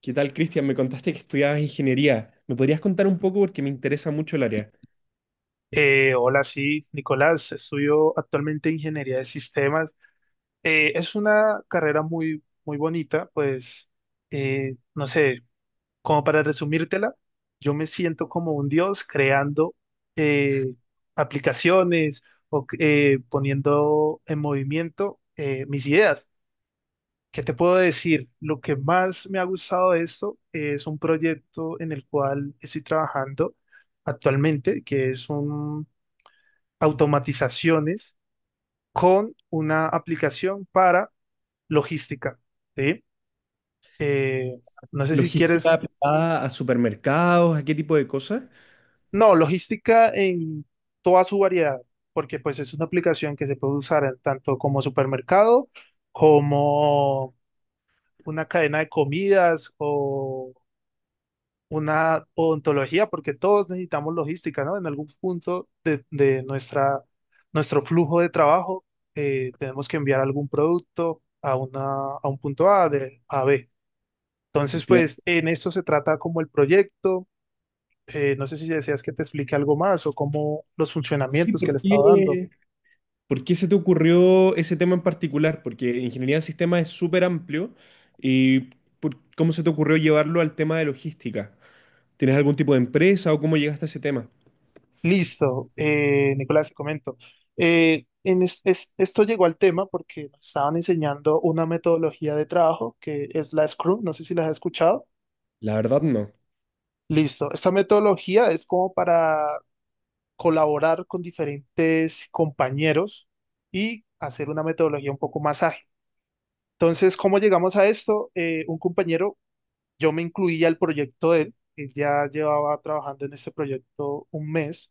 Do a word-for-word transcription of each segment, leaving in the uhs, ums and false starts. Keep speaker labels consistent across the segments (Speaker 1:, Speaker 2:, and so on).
Speaker 1: ¿Qué tal, Cristian? Me contaste que estudiabas ingeniería. ¿Me podrías contar un poco porque me interesa mucho el área?
Speaker 2: Eh, hola, sí, Nicolás, estudio actualmente ingeniería de sistemas. Eh, es una carrera muy, muy bonita, pues, eh, no sé, como para resumírtela, yo me siento como un dios creando eh, aplicaciones o eh, poniendo en movimiento eh, mis ideas. ¿Qué te puedo decir? Lo que más me ha gustado de esto es un proyecto en el cual estoy trabajando actualmente, que es un automatizaciones con una aplicación para logística, ¿sí? Eh, no sé si
Speaker 1: ¿Logística
Speaker 2: quieres,
Speaker 1: aplicada a supermercados, a qué tipo de cosas?
Speaker 2: no, logística en toda su variedad, porque pues es una aplicación que se puede usar en tanto como supermercado, como una cadena de comidas o una odontología, porque todos necesitamos logística, ¿no? En algún punto de, de nuestra, nuestro flujo de trabajo, eh, tenemos que enviar algún producto a, una, a un punto A de A a B. Entonces, pues
Speaker 1: Efectivamente.
Speaker 2: en esto se trata como el proyecto. Eh, no sé si deseas que te explique algo más o cómo los
Speaker 1: Sí,
Speaker 2: funcionamientos que
Speaker 1: ¿por
Speaker 2: le estaba dando.
Speaker 1: qué, por qué se te ocurrió ese tema en particular? Porque ingeniería de sistemas es súper amplio y por- ¿cómo se te ocurrió llevarlo al tema de logística? ¿Tienes algún tipo de empresa o cómo llegaste a ese tema?
Speaker 2: Listo, eh, Nicolás, te comento. Eh, en es- es- esto llegó al tema porque nos estaban enseñando una metodología de trabajo que es la Scrum, no sé si las has escuchado.
Speaker 1: La verdad, no.
Speaker 2: Listo. Esta metodología es como para colaborar con diferentes compañeros y hacer una metodología un poco más ágil. Entonces, ¿cómo llegamos a esto? Eh, un compañero, yo me incluía al proyecto de él, él ya llevaba trabajando en este proyecto un mes.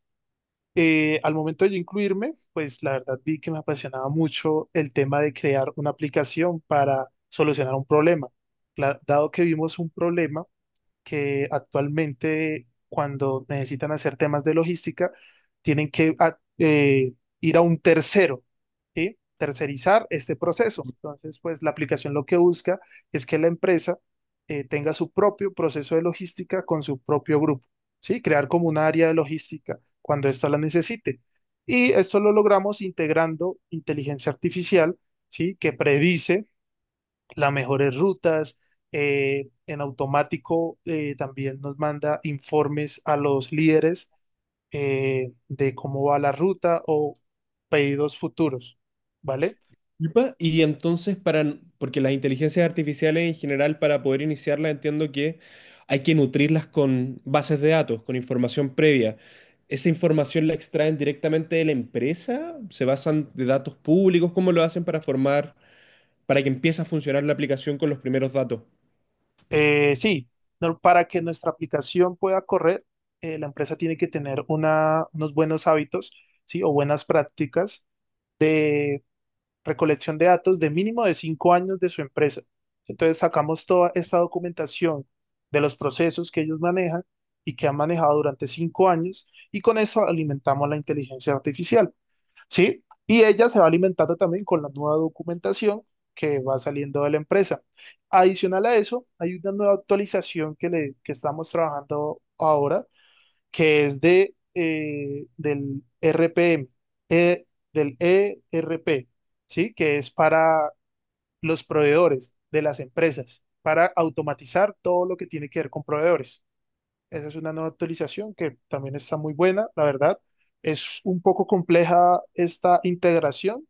Speaker 2: Eh, al momento de yo incluirme, pues la verdad vi que me apasionaba mucho el tema de crear una aplicación para solucionar un problema. Cla- dado que vimos un problema, que actualmente cuando necesitan hacer temas de logística, tienen que a- eh, ir a un tercero, ¿sí? Tercerizar este proceso. Entonces, pues la aplicación lo que busca es que la empresa eh, tenga su propio proceso de logística con su propio grupo, ¿sí? Crear como un área de logística cuando ésta la necesite. Y esto lo logramos integrando inteligencia artificial, ¿sí? Que predice las mejores rutas. Eh, en automático eh, también nos manda informes a los líderes eh, de cómo va la ruta o pedidos futuros, ¿vale?
Speaker 1: Epa, Y entonces, para, porque las inteligencias artificiales en general, para poder iniciarlas, entiendo que hay que nutrirlas con bases de datos, con información previa. ¿Esa información la extraen directamente de la empresa? ¿Se basan de datos públicos? ¿Cómo lo hacen para formar, para que empiece a funcionar la aplicación con los primeros datos?
Speaker 2: Eh, sí, no- para que nuestra aplicación pueda correr, eh, la empresa tiene que tener una, unos buenos hábitos, ¿sí? O buenas prácticas recolección de datos de mínimo de cinco años de su empresa. Entonces sacamos toda esta documentación de los procesos que ellos manejan y que han manejado durante cinco años y con eso alimentamos la inteligencia artificial, ¿sí? Y ella se va alimentando también con la nueva documentación que va saliendo de la empresa. Adicional a eso, hay una nueva actualización que, le, que estamos trabajando ahora que es de, eh, del R P M, eh, del E R P, ¿sí? Que es para los proveedores de las empresas, para automatizar todo lo que tiene que ver con proveedores. Esa es una nueva actualización que también está muy buena, la verdad. Es un poco compleja esta integración,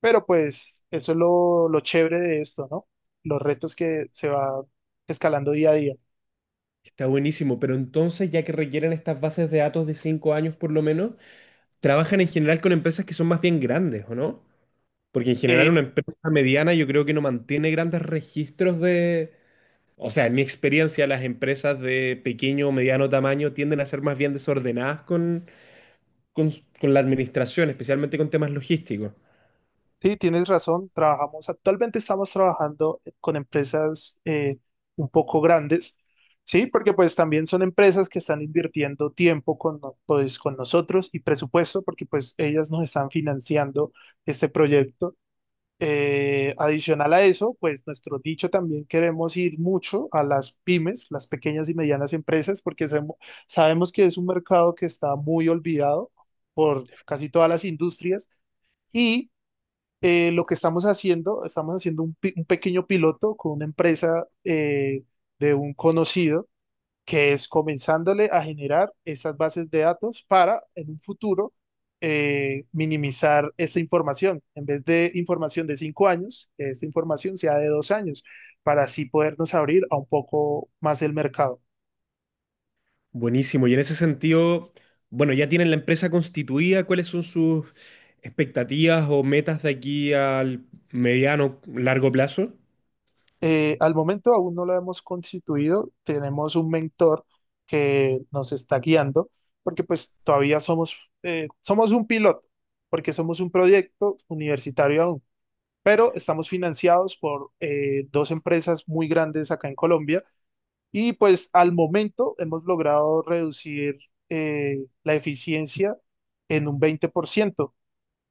Speaker 2: pero pues eso es lo, lo chévere de esto, ¿no? Los retos que se va escalando día a día.
Speaker 1: Está buenísimo, pero entonces, ya que requieren estas bases de datos de cinco años por lo menos, trabajan en general con empresas que son más bien grandes, ¿o no? Porque en general
Speaker 2: Eh,
Speaker 1: una empresa mediana yo creo que no mantiene grandes registros de... O sea, en mi experiencia las empresas de pequeño o mediano tamaño tienden a ser más bien desordenadas con, con, s- con la administración, especialmente con temas logísticos.
Speaker 2: Sí, tienes razón. Trabajamos, actualmente estamos trabajando con empresas eh, un poco grandes, sí, porque pues también son empresas que están invirtiendo tiempo con, no- pues, con nosotros y presupuesto, porque pues ellas nos están financiando este proyecto. Eh, adicional a eso, pues nuestro dicho también queremos ir mucho a las pymes, las pequeñas y medianas empresas, porque sabemos sabemos que es un mercado que está muy olvidado por casi todas las industrias. Y eh, lo que estamos haciendo, estamos haciendo un, pi- un pequeño piloto con una empresa eh, de un conocido que es comenzándole a generar esas bases de datos para en un futuro eh, minimizar esta información. En vez de información de cinco años, que esta información sea de dos años, para así podernos abrir a un poco más el mercado.
Speaker 1: Buenísimo. Y en ese sentido, bueno, ya tienen la empresa constituida, ¿cuáles son sus expectativas o metas de aquí al mediano, largo plazo?
Speaker 2: Eh, al momento aún no lo hemos constituido, tenemos un mentor que nos está guiando, porque pues todavía somos, eh, somos un piloto, porque somos un proyecto universitario aún, pero estamos financiados por eh, dos empresas muy grandes acá en Colombia y pues al momento hemos logrado reducir eh, la eficiencia en un veinte por ciento.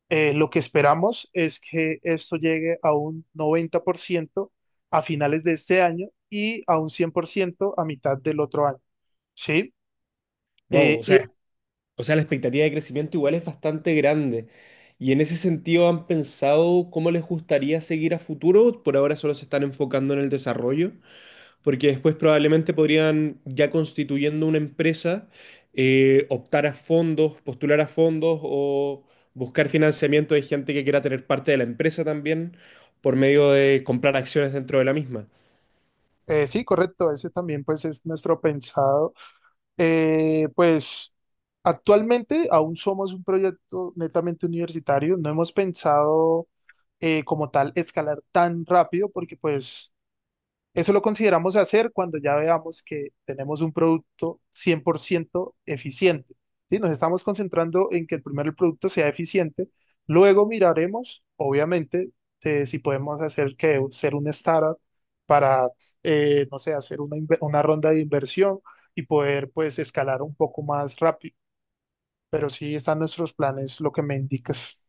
Speaker 2: Eh, lo que esperamos es que esto llegue a un noventa por ciento a finales de este año y a un cien por ciento a mitad del otro año. ¿Sí?
Speaker 1: Wow,
Speaker 2: Eh,
Speaker 1: o
Speaker 2: y,
Speaker 1: sea O sea, la expectativa de crecimiento igual es bastante grande. Y en ese sentido, ¿han pensado cómo les gustaría seguir a futuro? Por ahora solo se están enfocando en el desarrollo, porque después probablemente podrían, ya constituyendo una empresa, eh, optar a fondos, postular a fondos o buscar financiamiento de gente que quiera tener parte de la empresa también por medio de comprar acciones dentro de la misma.
Speaker 2: eh, sí, correcto. Ese también pues es nuestro pensado. Eh, pues actualmente aún somos un proyecto netamente universitario. No hemos pensado eh, como tal escalar tan rápido porque pues eso lo consideramos hacer cuando ya veamos que tenemos un producto cien por ciento eficiente. ¿Sí? Nos estamos concentrando en que el primero el producto sea eficiente. Luego miraremos, obviamente, eh, si podemos hacer que ser un startup para, eh, no sé, hacer una, inve- una ronda de inversión y poder, pues, escalar un poco más rápido. Pero sí están nuestros planes, lo que me indicas.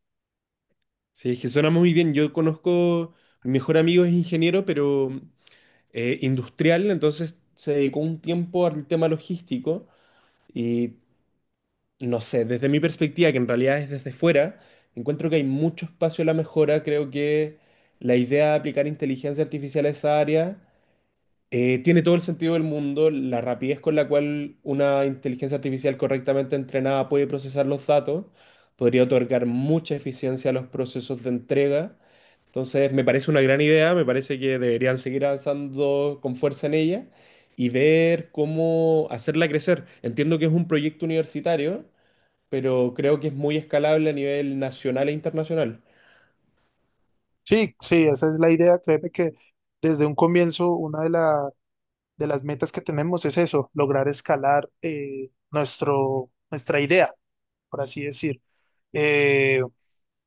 Speaker 1: Sí, es que suena muy bien. Yo conozco, mi mejor amigo es ingeniero, pero... eh, industrial, entonces se dedicó un tiempo al tema logístico y no sé, desde mi perspectiva, que en realidad es desde fuera, encuentro que hay mucho espacio a la mejora, creo que la idea de aplicar inteligencia artificial a esa área eh, tiene todo el sentido del mundo la rapidez con la cual una inteligencia artificial correctamente entrenada puede procesar los datos, podría otorgar mucha eficiencia a los procesos de entrega. Entonces, me parece una gran idea, me parece que deberían seguir avanzando con fuerza en ella y ver cómo hacerla crecer. Entiendo que es un proyecto universitario, pero creo que es muy escalable a nivel nacional e internacional.
Speaker 2: Sí, sí, esa es la idea. Créeme que desde un comienzo, una de las de las metas que tenemos es eso, lograr escalar eh, nuestro, nuestra idea, por así decir. Eh,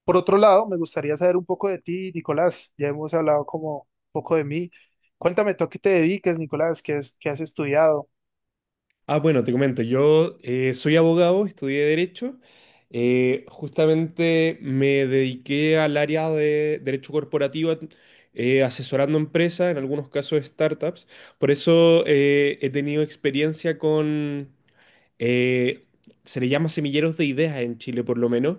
Speaker 2: por otro lado, me gustaría saber un poco de ti, Nicolás. Ya hemos hablado como un poco de mí. Cuéntame tú a qué te dediques, Nicolás, qué, es, qué has estudiado.
Speaker 1: Ah, bueno, te comento, yo eh, soy abogado, estudié Derecho, eh, justamente me dediqué al área de Derecho Corporativo, eh, asesorando empresas, en algunos casos startups, por eso eh, he tenido experiencia con, eh, se le llama semilleros de ideas en Chile, por lo menos,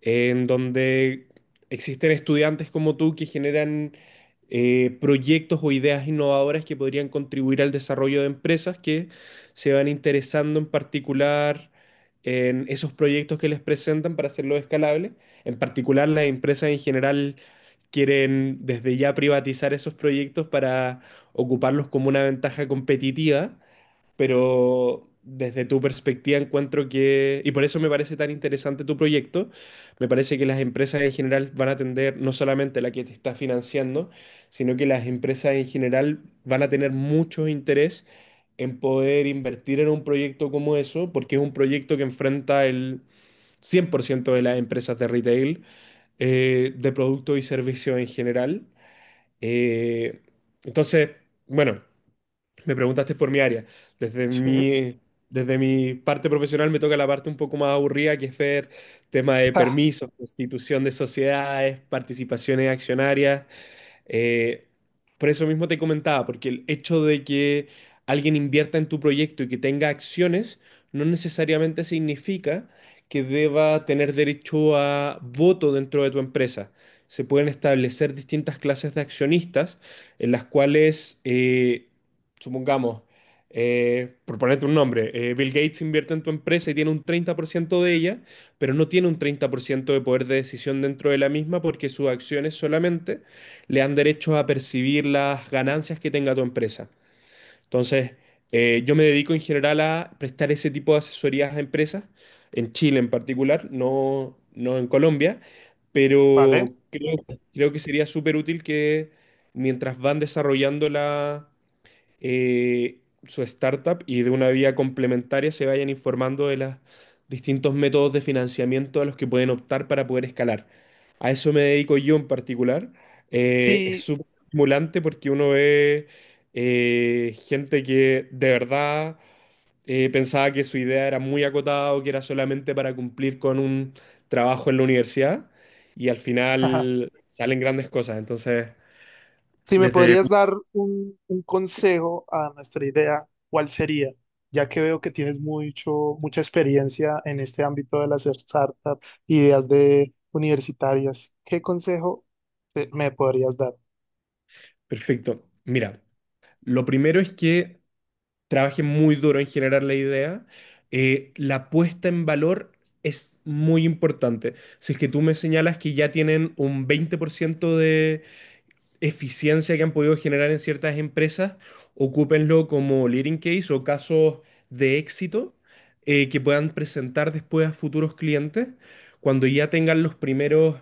Speaker 1: en donde existen estudiantes como tú que generan eh, proyectos o ideas innovadoras que podrían contribuir al desarrollo de empresas que se van interesando en particular en esos proyectos que les presentan para hacerlo escalable. En particular, las empresas en general quieren desde ya privatizar esos proyectos para ocuparlos como una ventaja competitiva, pero desde tu perspectiva encuentro que, y por eso me parece tan interesante tu proyecto, me parece que las empresas en general van a tender, no solamente la que te está financiando, sino que las empresas en general van a tener mucho interés en poder invertir en un proyecto como eso, porque es un proyecto que enfrenta el cien por ciento de las empresas de retail, eh, de productos y servicios en general. Eh, entonces, bueno. Me preguntaste por mi área. Desde
Speaker 2: Sí.
Speaker 1: mi, desde mi parte profesional me toca la parte un poco más aburrida, que es ver tema de
Speaker 2: Ah,
Speaker 1: permisos, constitución de sociedades, participaciones accionarias, eh, por eso mismo te comentaba, porque el hecho de que alguien invierta en tu proyecto y que tenga acciones no necesariamente significa que deba tener derecho a voto dentro de tu empresa. Se pueden establecer distintas clases de accionistas en las cuales, eh, supongamos, eh, por ponerte un nombre, eh, Bill Gates invierte en tu empresa y tiene un treinta por ciento de ella, pero no tiene un treinta por ciento de poder de decisión dentro de la misma porque sus acciones solamente le dan derecho a percibir las ganancias que tenga tu empresa. Entonces, eh, yo me dedico en general a prestar ese tipo de asesorías a empresas, en Chile en particular, no, no en Colombia,
Speaker 2: vale.
Speaker 1: pero creo, creo que sería súper útil que mientras van desarrollando la eh, su startup y de una vía complementaria se vayan informando de los distintos métodos de financiamiento a los que pueden optar para poder escalar. A eso me dedico yo en particular. Eh, es
Speaker 2: Sí.
Speaker 1: súper estimulante porque uno ve eh, gente que de verdad eh, pensaba que su idea era muy acotada o que era solamente para cumplir con un trabajo en la universidad y al final salen grandes cosas. Entonces,
Speaker 2: Si me
Speaker 1: desde...
Speaker 2: podrías dar un, un consejo a nuestra idea, ¿cuál sería? Ya que veo que tienes mucho, mucha experiencia en este ámbito de las startups, ideas de universitarias, ¿qué consejo te- me podrías dar?
Speaker 1: Perfecto. Mira, lo primero es que trabaje muy duro en generar la idea, eh, la puesta en valor es muy importante. Si es que tú me señalas que ya tienen un veinte por ciento de eficiencia que han podido generar en ciertas empresas, ocúpenlo como leading case o casos de éxito eh, que puedan presentar después a futuros clientes. Cuando ya tengan los primeros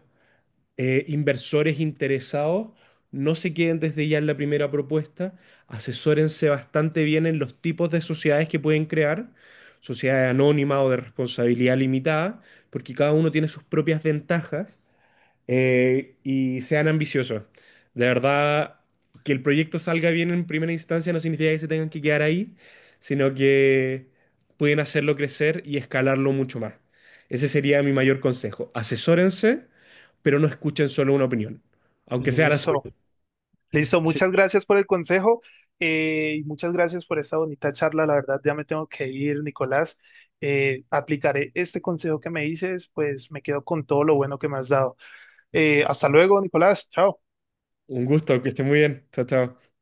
Speaker 1: eh, inversores interesados, no se queden desde ya en la primera propuesta, asesórense bastante bien en los tipos de sociedades que pueden crear, sociedades anónimas o de responsabilidad limitada, porque cada uno tiene sus propias ventajas eh, y sean ambiciosos. De verdad, que el proyecto salga bien en primera instancia no significa que se tengan que quedar ahí, sino que pueden hacerlo crecer y escalarlo mucho más. Ese sería mi mayor consejo. Asesórense, pero no escuchen solo una opinión, aunque sea la
Speaker 2: Listo,
Speaker 1: suya.
Speaker 2: listo,
Speaker 1: Así
Speaker 2: muchas
Speaker 1: que
Speaker 2: gracias por el consejo eh, y muchas gracias por esta bonita charla. La verdad, ya me tengo que ir, Nicolás. Eh, aplicaré este consejo que me dices, pues me quedo con todo lo bueno que me has dado. Eh, hasta luego, Nicolás, chao.
Speaker 1: un gusto, que estén muy bien. Chao, chao.